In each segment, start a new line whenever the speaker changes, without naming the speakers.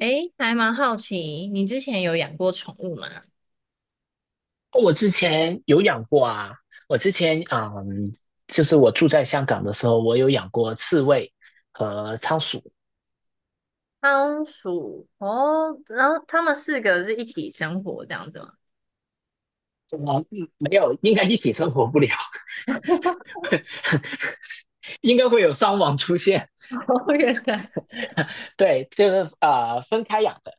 诶，还蛮好奇，你之前有养过宠物吗？
我之前有养过啊，我之前就是我住在香港的时候，我有养过刺猬和仓鼠。
仓鼠哦，然后他们四个是一起生活这样子吗？
我没有，应该一起生活不了，应该会有伤亡出现。
哦，原来
对，就是分开养的。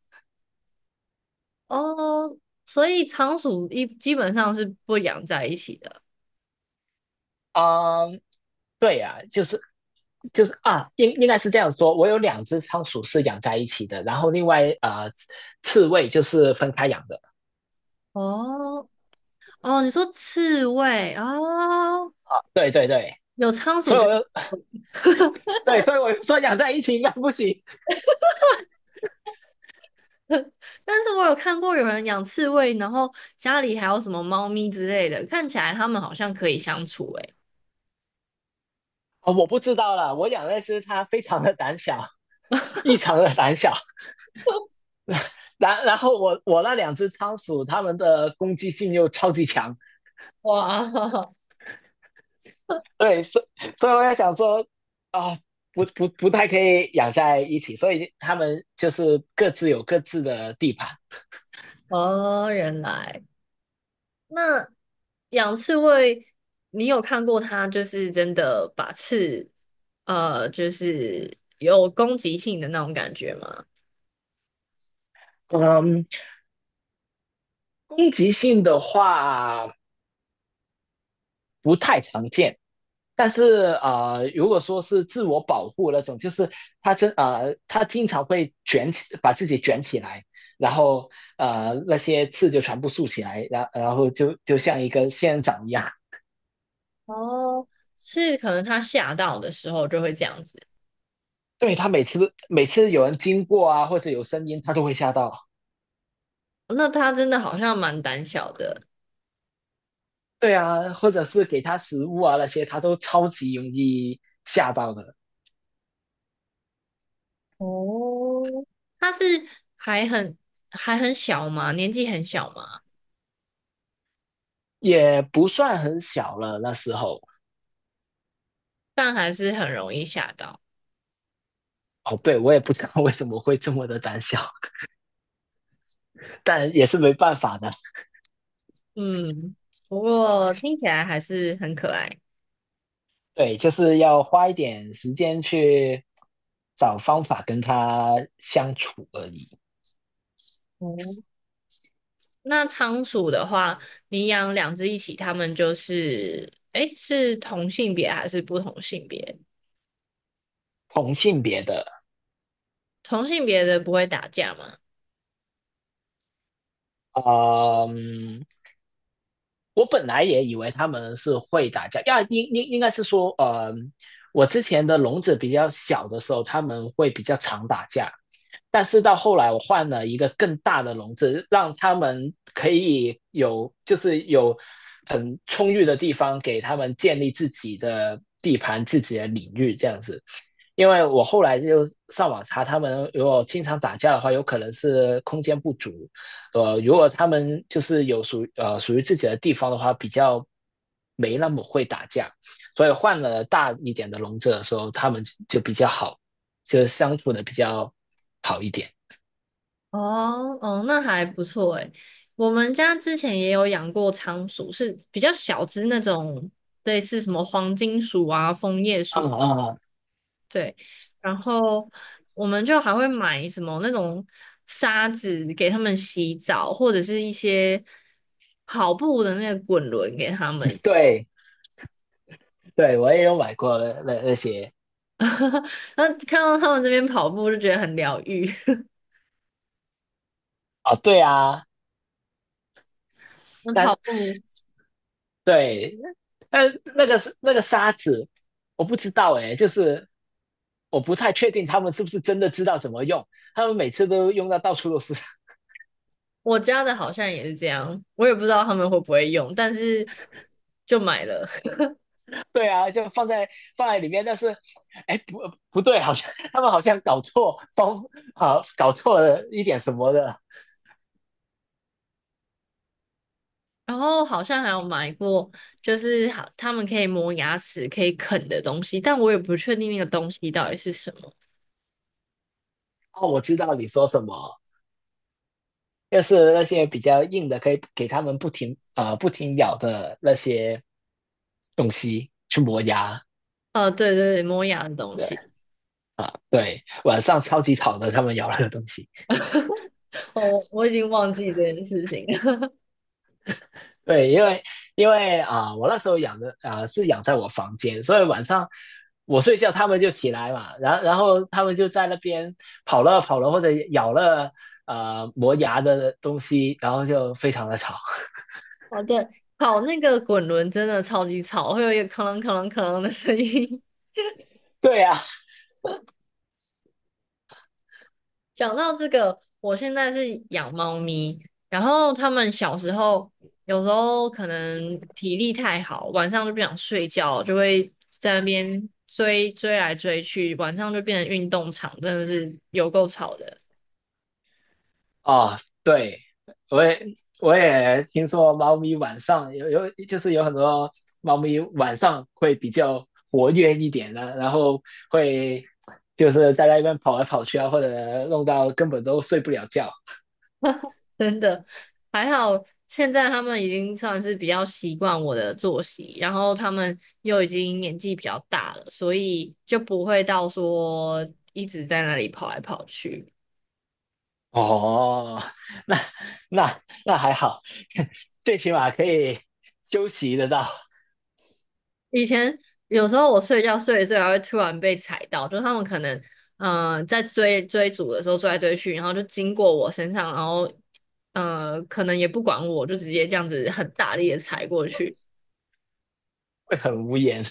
哦，所以仓鼠一基本上是不养在一起的。
嗯，对呀，就是啊,应该是这样说。我有两只仓鼠是养在一起的，然后另外刺猬就是分开养的。
哦哦，你说刺猬哦，
对对对，
有仓
所
鼠
以
跟，
我又 对，所以我又说养在一起应该不行。
但是我有看过有人养刺猬，然后家里还有什么猫咪之类的，看起来它们好像可以相处诶。
啊，我不知道了。我养那只它非常的胆小，异常的胆小。然后我那两只仓鼠，它们的攻击性又超级强。
哇，
对，所以我在想说，啊，不太可以养在一起，所以它们就是各自有各自的地盘。
哦，原来。那。养刺猬，你有看过它就是真的把刺，就是有攻击性的那种感觉吗？
嗯，攻击性的话不太常见。但是啊，如果说是自我保护那种，就是他真啊，他经常会卷起，把自己卷起来，然后那些刺就全部竖起来，然后就像一个仙人掌一样。
哦，是可能它吓到的时候就会这样子。
对，他每次每次有人经过啊，或者有声音，他都会吓到。
那它真的好像蛮胆小的。
对啊，或者是给他食物啊那些，他都超级容易吓到的，
哦，它是还很还很小嘛，年纪很小嘛，
也不算很小了那时候。
但还是很容易吓到。
哦，对，我也不知道为什么会这么的胆小，但也是没办法的。
嗯，不过听起来还是很可爱。
对，就是要花一点时间去找方法跟他相处而已。
哦那仓鼠的话，你养两只一起，它们就是，诶，是同性别还是不同性别？同性别的不会打架吗？
嗯，我本来也以为他们是会打架，呀，应该是说，我之前的笼子比较小的时候，他们会比较常打架，但是到后来我换了一个更大的笼子，让他们可以有很充裕的地方给他们建立自己的地盘、自己的领域这样子。因为我后来就上网查，他们如果经常打架的话，有可能是空间不足，呃，如果他们就是属于自己的地方的话，比较没那么会打架，所以换了大一点的笼子的时候，他们就比较好，就是相处的比较好一点。
哦哦，那还不错诶。我们家之前也有养过仓鼠，是比较小只那种，类似什么黄金鼠啊、枫叶
嗯
鼠，
嗯，
对。然后我们就还会买什么那种沙子给它们洗澡，或者是一些跑步的那个滚轮给它们。
对对，我也有买过那些
然后看到他们这边跑步就觉得很疗愈。
啊，对啊，
那
但
跑步，
对，但那个沙子，我不知道哎，就是我不太确定他们是不是真的知道怎么用，他们每次都用到到处都是。
我家的好像也是这样，我也不知道他们会不会用，但是就买了。
对啊，就放在放在里面，但是，哎，不不对，好像他们好像搞错方，啊，搞错了一点什么的。
然后好像还有买过，就是好他们可以磨牙齿、可以啃的东西，但我也不确定那个东西到底是什么。
哦，我知道你说什么，就是那些比较硬的，可以给他们不停咬的那些东西去磨牙。
对对对，磨牙的东西，
对对，晚上超级吵的，他们咬那个东西。
哦，我已经忘记这件事情了。
对，因为啊、我那时候养的啊、是养在我房间，所以晚上我睡觉，它们就起来嘛，然后它们就在那边跑了或者咬了磨牙的东西，然后就非常的吵。
哦，对，跑那个滚轮真的超级吵，会有一个哐啷哐啷哐啷的声音。
对呀、
讲到这个，我现在是养猫咪，然后他们小时候有时候可能体力太好，晚上就不想睡觉，就会在那边追追来追去，晚上就变成运动场，真的是有够吵的，
哦，对，我也我也听说猫咪晚上就是有很多猫咪晚上会比较活跃一点的，然后会就是在那边跑来跑去啊，或者弄到根本都睡不了觉。
真的。还好现在他们已经算是比较习惯我的作息，然后他们又已经年纪比较大了，所以就不会到说一直在那里跑来跑去。
哦，那那还好，最起码可以休息得到，
以前有时候我睡觉睡一睡，还会突然被踩到，就是他们可能在追逐的时候追来追去，然后就经过我身上，然后可能也不管我，就直接这样子很大力的踩过去。
会很无言，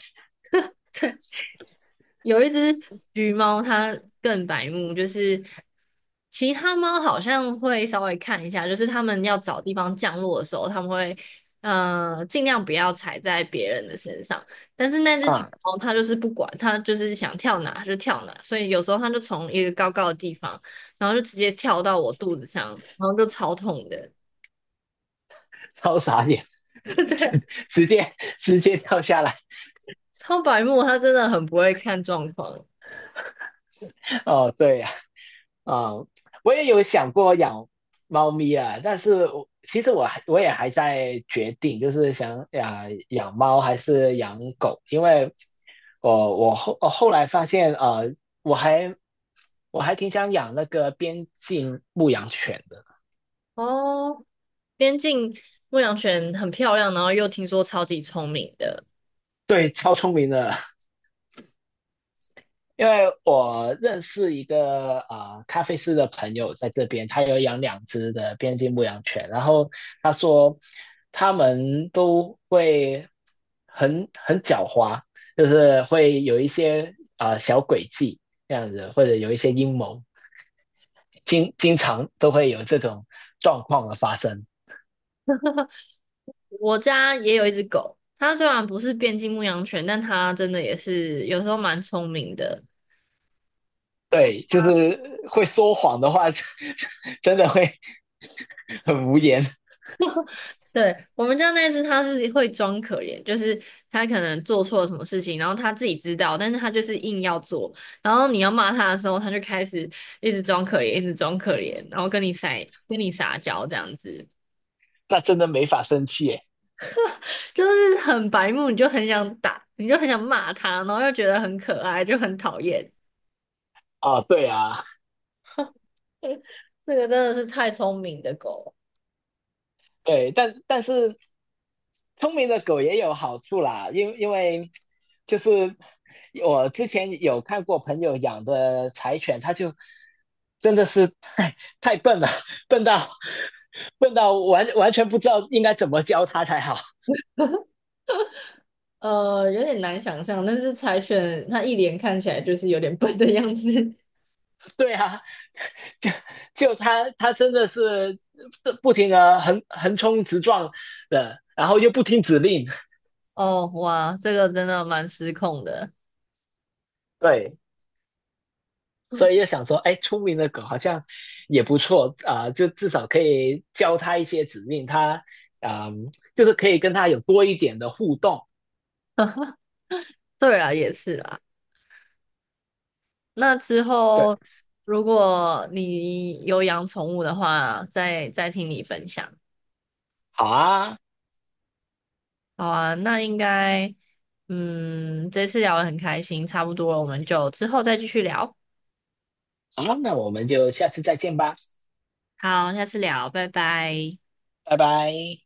有一只橘猫，它更白目，就是其他猫好像会稍微看一下，就是它们要找地方降落的时候，它们会尽量不要踩在别人的身上。但是那只橘
嗯，
猫它就是不管，它就是想跳哪就跳哪，所以有时候它就从一个高高的地方，然后就直接跳到我肚子上，然后就超痛的。
超傻眼，
对，
直接直接跳下来。
超白目，它真的很不会看状况。
哦，对呀、啊，嗯，我也有想过养猫咪啊，但是我其实我还我也还在决定，就是想养猫还是养狗，因为我后来发现，呃，我还我还挺想养那个边境牧羊犬的。
哦，边境牧羊犬很漂亮，然后又听说超级聪明的。
对，超聪明的。因为我认识一个啊、咖啡师的朋友在这边，他有养两只的边境牧羊犬，然后他说他们都会很狡猾，就是会有一些啊、小诡计这样子，或者有一些阴谋，经常都会有这种状况的发生。
我家也有一只狗，它虽然不是边境牧羊犬，但它真的也是有时候蛮聪明的。
对，就是会说谎的话，真的会很无言，
对，我们家那只，它是会装可怜，就是它可能做错了什么事情，然后它自己知道，但是它就是硬要做。然后你要骂它的时候，它就开始一直装可怜，一直装可怜，然后跟你撒娇这样子。
那真的没法生气耶。
就是很白目，你就很想打，你就很想骂它，然后又觉得很可爱，就很讨厌。
啊，对啊。
这个真的是太聪明的狗，
对，但是聪明的狗也有好处啦，因为就是我之前有看过朋友养的柴犬，它就真的是太笨了，笨到笨到完全不知道应该怎么教它才好。
有点难想象，但是柴犬它一脸看起来就是有点笨的样子。
对啊，就就它真的是不停的横冲直撞的，然后又不听指令。
哦，哇，这个真的蛮失控的。
对，所以就 想说，哎，聪明的狗好像也不错啊、呃就至少可以教它一些指令，它啊、呃就是可以跟它有多一点的互动。
对啊，也是啦。那之
对，
后，如果你有养宠物的话，再听你分享。
好啊，
好啊，那应该，嗯，这次聊得很开心，差不多了，我们就之后再继续聊。
好啊，那我们就下次再见吧，
好，下次聊，拜拜。
拜拜。